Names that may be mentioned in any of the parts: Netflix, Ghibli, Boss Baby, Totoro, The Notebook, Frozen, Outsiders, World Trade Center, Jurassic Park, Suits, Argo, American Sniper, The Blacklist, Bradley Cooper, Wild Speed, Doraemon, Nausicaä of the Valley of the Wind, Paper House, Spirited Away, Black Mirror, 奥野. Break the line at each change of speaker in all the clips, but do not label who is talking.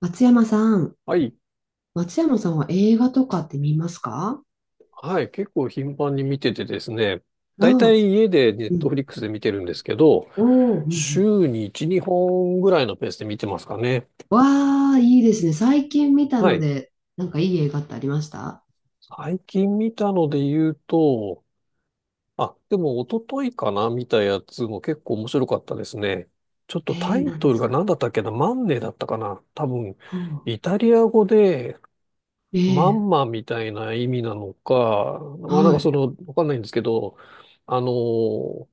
松山さん、
はい。
松山さんは映画とかって見ますか？
はい。結構頻繁に見ててですね。
あ
だいたい
あ、
家でネッ
う
トフリ
ん。
ックスで見てるんですけど、
おお、うんうん。
週に1、2本ぐらいのペースで見てますかね。
わあ、いいですね。最近見た
は
の
い。
で、なんかいい映画ってありました？
最近見たので言うと、あ、でも一昨日かな見たやつも結構面白かったですね。ちょっと
え
タ
えー、
イ
何
ト
で
ル
す
が何
か？
だったっけなマンネだったかな多分、
ほう。
イタリア語でマ
ええ
ンマみたいな意味なのか、まあなん
は
かそ
い、
の、わかんないんですけど、あのー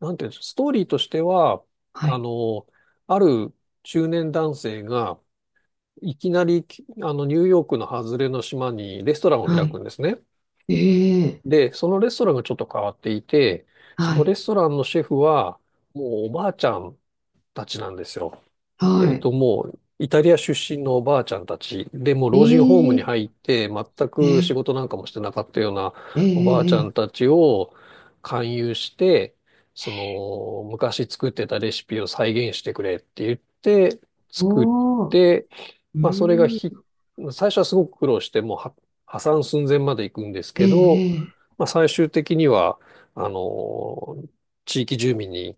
なんていうんですか、ストーリーとしては、
は
あ
い、
の、ある中年男性が、いきなり、あの、ニューヨークの外れの島にレストランを開く
は
んですね。
い。ええ
で、そのレストランがちょっと変わっていて、そ
は
のレ
い、
ストランのシェフは、もうおばあちゃんたちなんですよ。
は
えっ
い。
と、もう、イタリア出身のおばあちゃんたちで、もう老人ホームに
ええ
入って、全
え
く仕
え
事なんかもしてなかったような
え
おばあちゃん
えええ
たちを勧誘して、その、昔作ってたレシピを再現してくれって言って、作っ
おお、う
て、まあ、それが
ー
ひ、
ん、
最初はすごく苦労して、もうは破産寸前まで行くんですけど、
えええ
まあ、最終的には、あの、地域住民に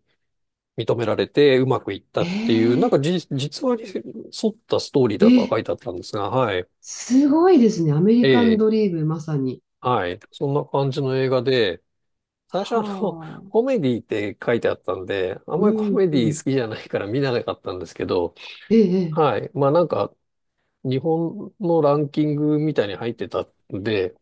認められてうまくいった
え
っていう、なん
え
かじ、実話に沿ったストーリー
え
だとは
え
書いてあったんですが、はい。
すごいですね。アメ
え
リカン
え、
ドリーム、まさに。
はい。そんな感じの映画で、最初
は
あの、コ
あ。
メディって書いてあったんで、あん
う
まりコ
ん。
メ
う
ディ好
ん
きじゃないから見なかったんですけど、
ええ、
はい。まあなんか、日本のランキングみたいに入ってたんで、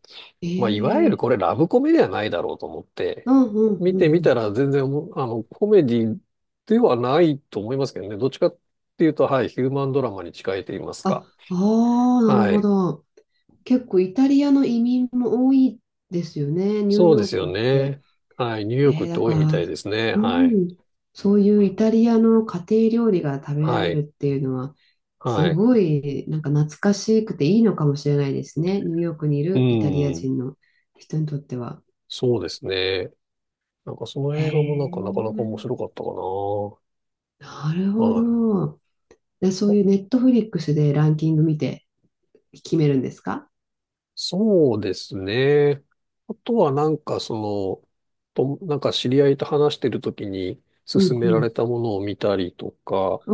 え
まあ、いわゆる
え、ええ
これラブコメではないだろうと思っ
う
て、
んうん
見
うん
て
う
み
ん。
たら全然おも、あの、コメディではないと思いますけどね。どっちかっていうと、はい、ヒューマンドラマに近いと言います
あ、
か。
ああ、なる
は
ほ
い。
ど。結構イタリアの移民も多いですよね、ニュー
そうで
ヨー
す
ク
よ
って。
ね。はい。ニューヨーク
え
っ
え、
て
だ
多い
か
みた
ら、
いですね。
う
はい。
ん、そういうイタリアの家庭料理が食べら
は
れる
い。
っていうのは、す
はい。
ごい、なんか懐かしくていいのかもしれないですね、ニューヨークにい
う
るイタリア
ん。
人の人にとっては。
そうですね。なんかそ
へ
の映画もなん
え、
かなかなか面白かったかな。
なるほ
はい。
ど。で、そういうネットフリックスでランキング見て。決めるんですか？
そうですね。あとはなんかの、なんか知り合いと話してるときに
う
勧
ん
め
う
ら
ん。
れたものを見たりとか、
お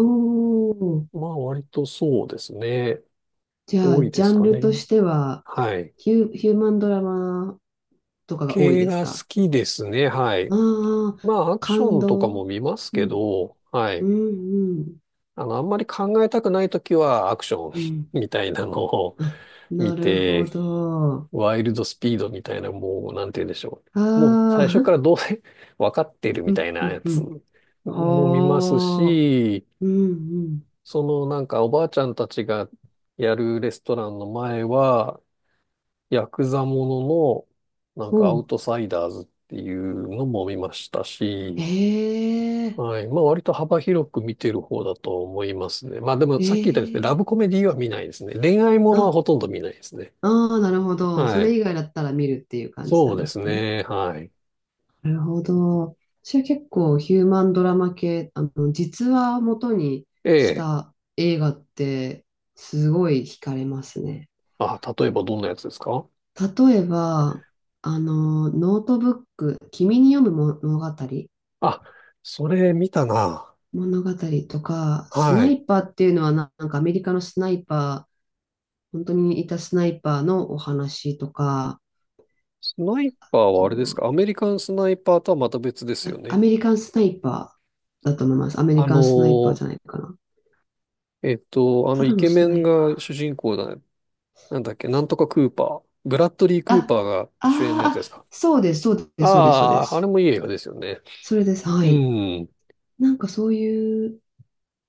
ー。
まあ割とそうですね。
じゃ
多
あ、
い
ジ
で
ャ
す
ン
か
ルと
ね。
しては、
はい。
ヒューマンドラマとかが多い
系
です
が
か？
好きですね。は
あ
い。
あー、
まあアクシ
感
ョンとかも
動。
見ます
う
け
ん、
ど、は
う
い。
ん、うん、
あの、あんまり考えたくないときはアクション
う ん。
みたいなのを
あ、
見
なるほ
て、
ど。
ワイルドスピードみたいな、もう、なんて言うんでしょ
あ
う。もう最初か
あ、
らどうせ 分かってる み
う
た
ん、
い
う
なや
ん、う
つ
ん。
も見ます
ほー。
し、
うん、うん。
そのなんかおばあちゃんたちがやるレストランの前は、ヤクザもののなんかア
ほ
ウ
う。
トサイダーズっていうのも見ましたし、
ええ、
はい。まあ割と幅広く見てる方だと思いますね。まあでも
え
さっき言ったようにですね、
え。
ラブコメディは見ないですね。恋愛ものは
あ、
ほとんど見ないですね。
ああ、なるほど。そ
は
れ
い。
以外だったら見るっていう感じ
そ
な
う
ん
で
で
す
すね。
ね。はい。
なるほど。私は結構ヒューマンドラマ系、実話を元に
え
し
え。
た映画ってすごい惹かれますね。
あ、例えばどんなやつですか。
例えば、ノートブック、君に読む物語、
あ、それ見たな。
物語とか、ス
は
ナ
い。
イパーっていうのはなんかアメリカのスナイパー、本当にいたスナイパーのお話とか、
スナイパーは
そ
あれです
う
か、アメリカンスナイパーとはまた別ですよ
ア
ね。
メリカンスナイパーだと思います。アメリ
あ
カ
の
ンスナイパーじゃな
ー
いかな。
えっと、あ
た
の
だ
イ
の
ケ
ス
メ
ナ
ン
イパ
が
ー。
主人公だね。なんだっけなんとかクーパー。ブラッドリー・
あ、
クーパーが主演のやつ
あー
です
あ、
か。
そうです、そうです、そうです、そうで
ああー、あれ
す。
もいい映画ですよね。
それです、は
う
い。
ん。
なんかそういう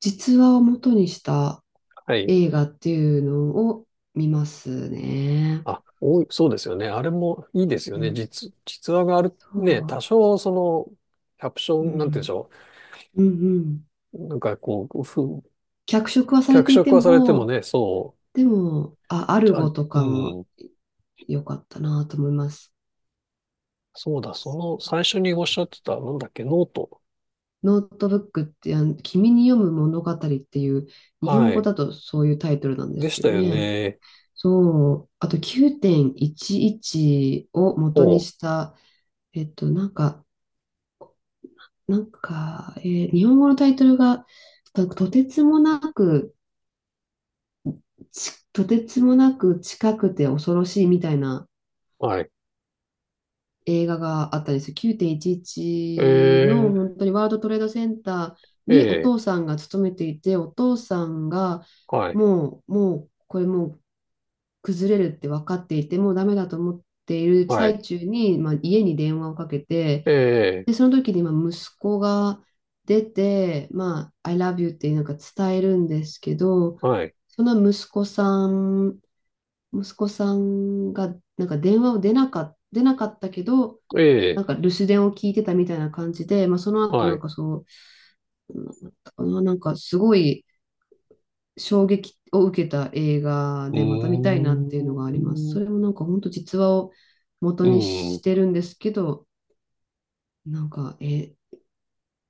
実話を元にした
はい。
映画っていうのを見ますね。
あ、おい、そうですよね。あれもいいですよ
う
ね。
ん、
実、実話がある。
そ
ね、多
う。
少その、キャプショ
う
ン、なんて言うんでし
ん、
ょ
うん、うん。
う。
脚色はされ
脚
てい
色
て
はされても
も、
ね、そ
でも、あ、アル
う、あ、
ゴと
う
かも
ん、
良かったなと思います。
そうだ、その最初におっしゃってた、なんだっけ、ノート。
ノートブックって君に読む物語っていう、日本
は
語
い。
だとそういうタイトルなんで
で
す
し
け
た
ど
よ
ね。
ね。
そう、あと9.11を
ほ
元にした、えっと、なんか、なんか、日本語のタイトルが、とてつもなく、とてつもなく近くて恐ろしいみたいな
う。はい。
映画があったんですよ。9.11の
え
本当にワールドトレードセンター
ー、
にお
え
父さんが勤めていて、お父さんが
ー、はい。
もう、これもう崩れるって分かっていて、もうダメだと思っている
はい。
最中に、まあ、家に電話をかけて、
え
で、その時にまあ息子が出て、まあ、I love you ってなんか伝えるんですけど、
ー、はい。
その息子さん、息子さんがなんか電話を出なかったけど、な
え
んか留守電を聞いてたみたいな感じで、まあ、その
ー、
後
は
な
い。
ん
う
かそう、なんなんかすごい、衝撃を受けた映画
ー
でまた見たいなっていうのがあります。
ん、
それもなんか本当実話を元
う
にし
ん、
てるんですけど、なんか、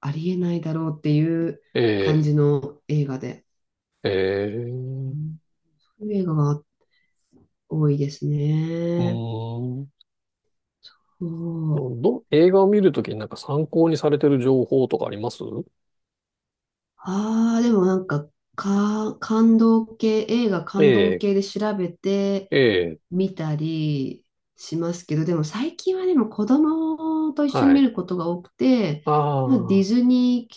ありえないだろうっていう感
え
じの映画で。
ー、え
う
ー、
んそういう映画が多いです
う
ね。
ーん。
そう
ど、映画を見るときになんか参考にされてる情報とかあります。
ああ、でもなんか、感動系、映画
え
感動
え、
系で調べて、
ええ、
見たりしますけど、でも最近は子供と一緒に
は
見
い。
ることが多くて、
あ
まあ、ディ
あ、
ズニー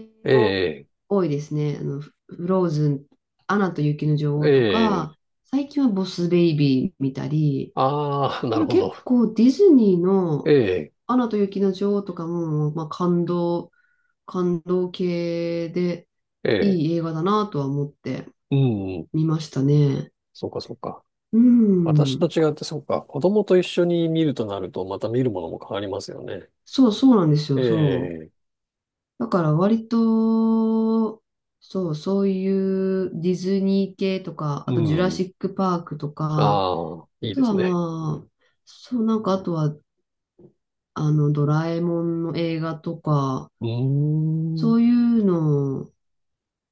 系
え
も
え。
多いですね。フローズン、アナと雪の女
え
王とか、
え。
最近はボスベイビー見たり、
ああ、な
で
る
も
ほ
結
ど。
構ディズニー
え
の
え、
アナと雪の女王とかも、まあ、感動系で
ええ。
いい映画だなとは思って
うん。
見ましたね。
そうか、そうか。
う
私と
ん。
違って、そうか。子供と一緒に見るとなると、また見るものも変わりますよね。
そうそうなんです
え
よ、そう。
え。
だから割と、そう、そういうディズニー系とか、
う
あとジュラ
ん。
シックパークとか、あ
ああ、いい
と
です
は
ね。
まあ、そう、なんかあとは、ドラえもんの映画とか、
うー
そ
ん。
ういうのを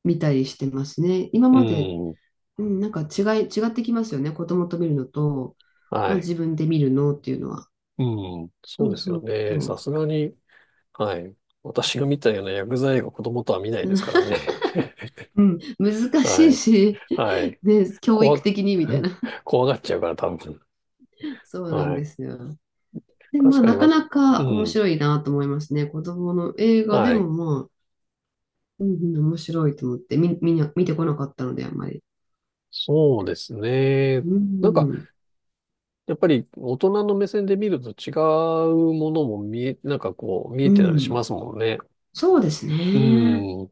見たりしてますね。今
う
まで、
ん。
うん、違ってきますよね。子供と見るのと、
は
まあ
い。
自分で見るのっていうのは。
うん。そ
そ
う
う
ですよ
そ
ね。さ
う。
すがに、はい。私が見たような薬剤映画、子供とは見ないですから ね。
うん、難し
は
い
い。
し、
はい。
ね、教育
怖、
的にみたい な。
怖がっちゃうから、多分。
そうなん
は
で
い。
すよ。で、ま
確
あ、
か
な
に
か
わ、
な
う
か面
ん。
白いなと思いますね。子供の映画で
は
も
い。
まあ、うんうん、面白いと思って、みんな見てこなかったので、あんまり。
そうですね。
う
なんか、
ん、
やっぱり大人の目線で見ると違うものも見え、なんかこう、見え
う
てたりしま
ん。
すもんね。
そうです
う
ね。
ん。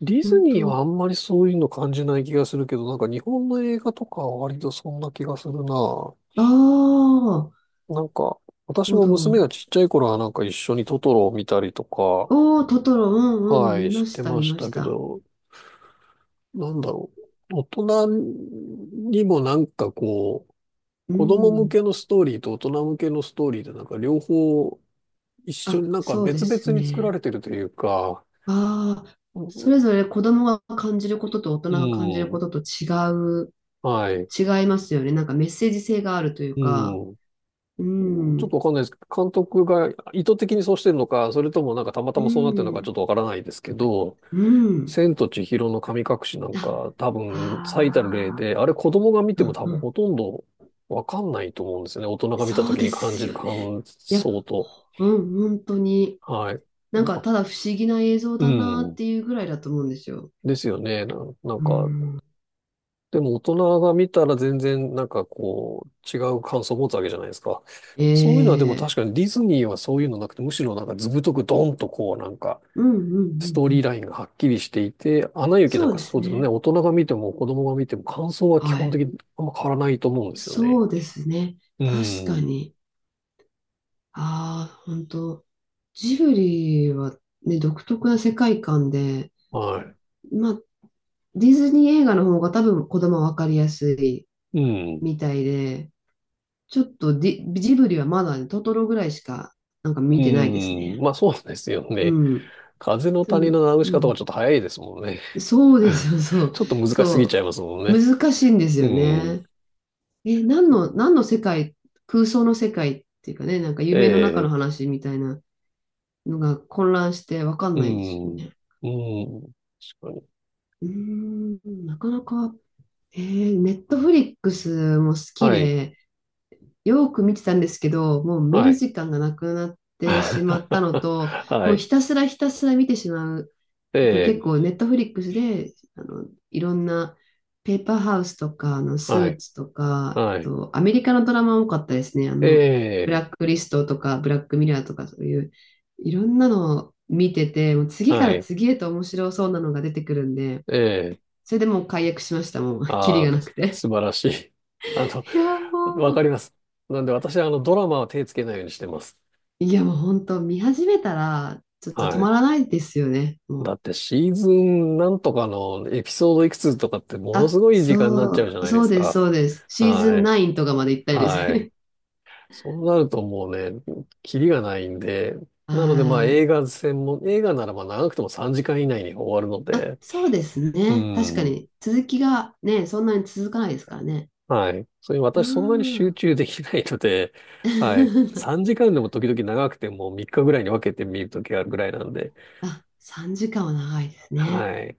ディズ
本
ニーはあ
当。
んまりそういうの感じない気がするけど、なんか日本の映画とかは割とそんな気がするな。
ああ、なる
なんか、私
ほ
も娘が
ど。
ちっちゃい頃はなんか一緒にトトロを見たりとか、
おー、トトロ、うんうん、
はい、
見
し
まし
て
た、
ま
見
し
ま
た
し
け
た。
ど、なんだろう。大人にもなんかこう、
う
子供向
ん。
けのストーリーと大人向けのストーリーでなんか両方一緒に
あ、
なんか
そうで
別
す
々に作ら
ね。
れてるというか、
ああ、
う
そ
ん、
れぞれ子供が感じることと大人
う
が感じるこ
ん、
ととう、
はい、
違いますよね。なんかメッセージ性があるという
う
か、
ん。
う
ちょっ
ん。
とわかんないですけど、監督が意図的にそうしてるのか、それともなんかたまた
う
まそうなってるのかちょ
ん、
っとわからないですけど、
うん。
千と千尋の神隠しなん
あ、
か多分最たる例
ああ、
で、あれ子供が見
う
ても
ん
多
う
分ほ
ん。
とんどわかんないと思うんですよね。大人が見た
そう
時
で
に感じ
す
る
よね。
感
いや、
想と。
うん、本当に。
はい。
なん
なん
か、
か、
ただ不思議な映像
う
だなっ
ん。
ていうぐらいだと思うんですよ。
ですよね。なん
う
か、
ん。
でも大人が見たら全然なんかこう違う感想を持つわけじゃないですか。そういうのはでも
ええ
確かにディズニーはそういうのなくて、むしろなんか図太くドンとこうなんか
うんうんうんう
ストーリー
ん。
ラインがはっきりしていて、アナ雪な
そ
ん
う
か
で
そ
す
うですね。
ね。
大人が見ても子供が見ても感想は基
は
本
い。
的にあんま変わらないと思うんですよね。
そうですね。
う
確か
ん。
に。ああ、本当。ジブリはね、独特な世界観で、
は
まあ、ディズニー映画の方が多分子供は分かりやすい
い。うん。
みたいで、ちょっとディ、ジブリはまだね、トトロぐらいしかなんか見
う
てないです
ん。
ね。
まあそうですよ
う
ね。
ん。
風の谷のナウシ
う
カとかち
ん。
ょっと早いですもんね。
そうで すよ、そう。
ちょっと難しすぎちゃ
そ
いますもん
う。
ね。
難しいんです
う
よ
ん。
ね。え、
そうか。
何の世界、空想の世界っていうかね、なんか
え
夢の中の
え、
話みたいなのが混乱してわかん
う
ないですよ
ん、う
ね。
ん、確かに。
うーん、なかなか、ネットフリックスも好き
はい、
で、よく見てたんですけど、もう見
は
る
い。
時間がなくなってしまったのと、
は
もうひ
い、
たすらひたすら見てしまう。
え
やっぱり結
え、
構ネットフリックスで、いろんなペーパーハウスとか、ス
は
ー
い、
ツとか、あ
はい、
と、アメリカのドラマ多かったですね。
え
ブ
え、
ラックリストとか、ブラックミラーとか、そういう、いろんなのを見てて、もう次か
は
ら
い、
次へと面白そうなのが出てくるんで、
ええ、
それでもう解約しました。もう、キリ
ああ、
がなくて。
素晴らしい。あの、
いや、も
わか
う。
ります。なんで私、あの、ドラマは手つけないようにしてます。
いやもう本当見始めたらちょっと止
は
ま
い。
らないですよね。も
だ
う。
ってシーズンなんとかのエピソードいくつとかってものす
あ、
ごい時間になっちゃうじ
そ
ゃ
う、
ないで
そう
す
です、
か。
そうです。シーズ
は
ン
い。
9とかまで行ったりです
はい。
ね。
そうなるともうね、キリがないんで、なのでま
は
あ
ー
映
い。
画専門、映画ならば長くても3時間以内に終わるの
あ、
で、
そうです
う
ね。確か
ん、
に続きがね、そんなに続かないですからね。
はい。それに
う
私そんなに集
ん。
中できないので、はい。3時間でも時々長くても3日ぐらいに分けて見るときあるぐらいなんで、
あ、3時間は長いですね。
はい。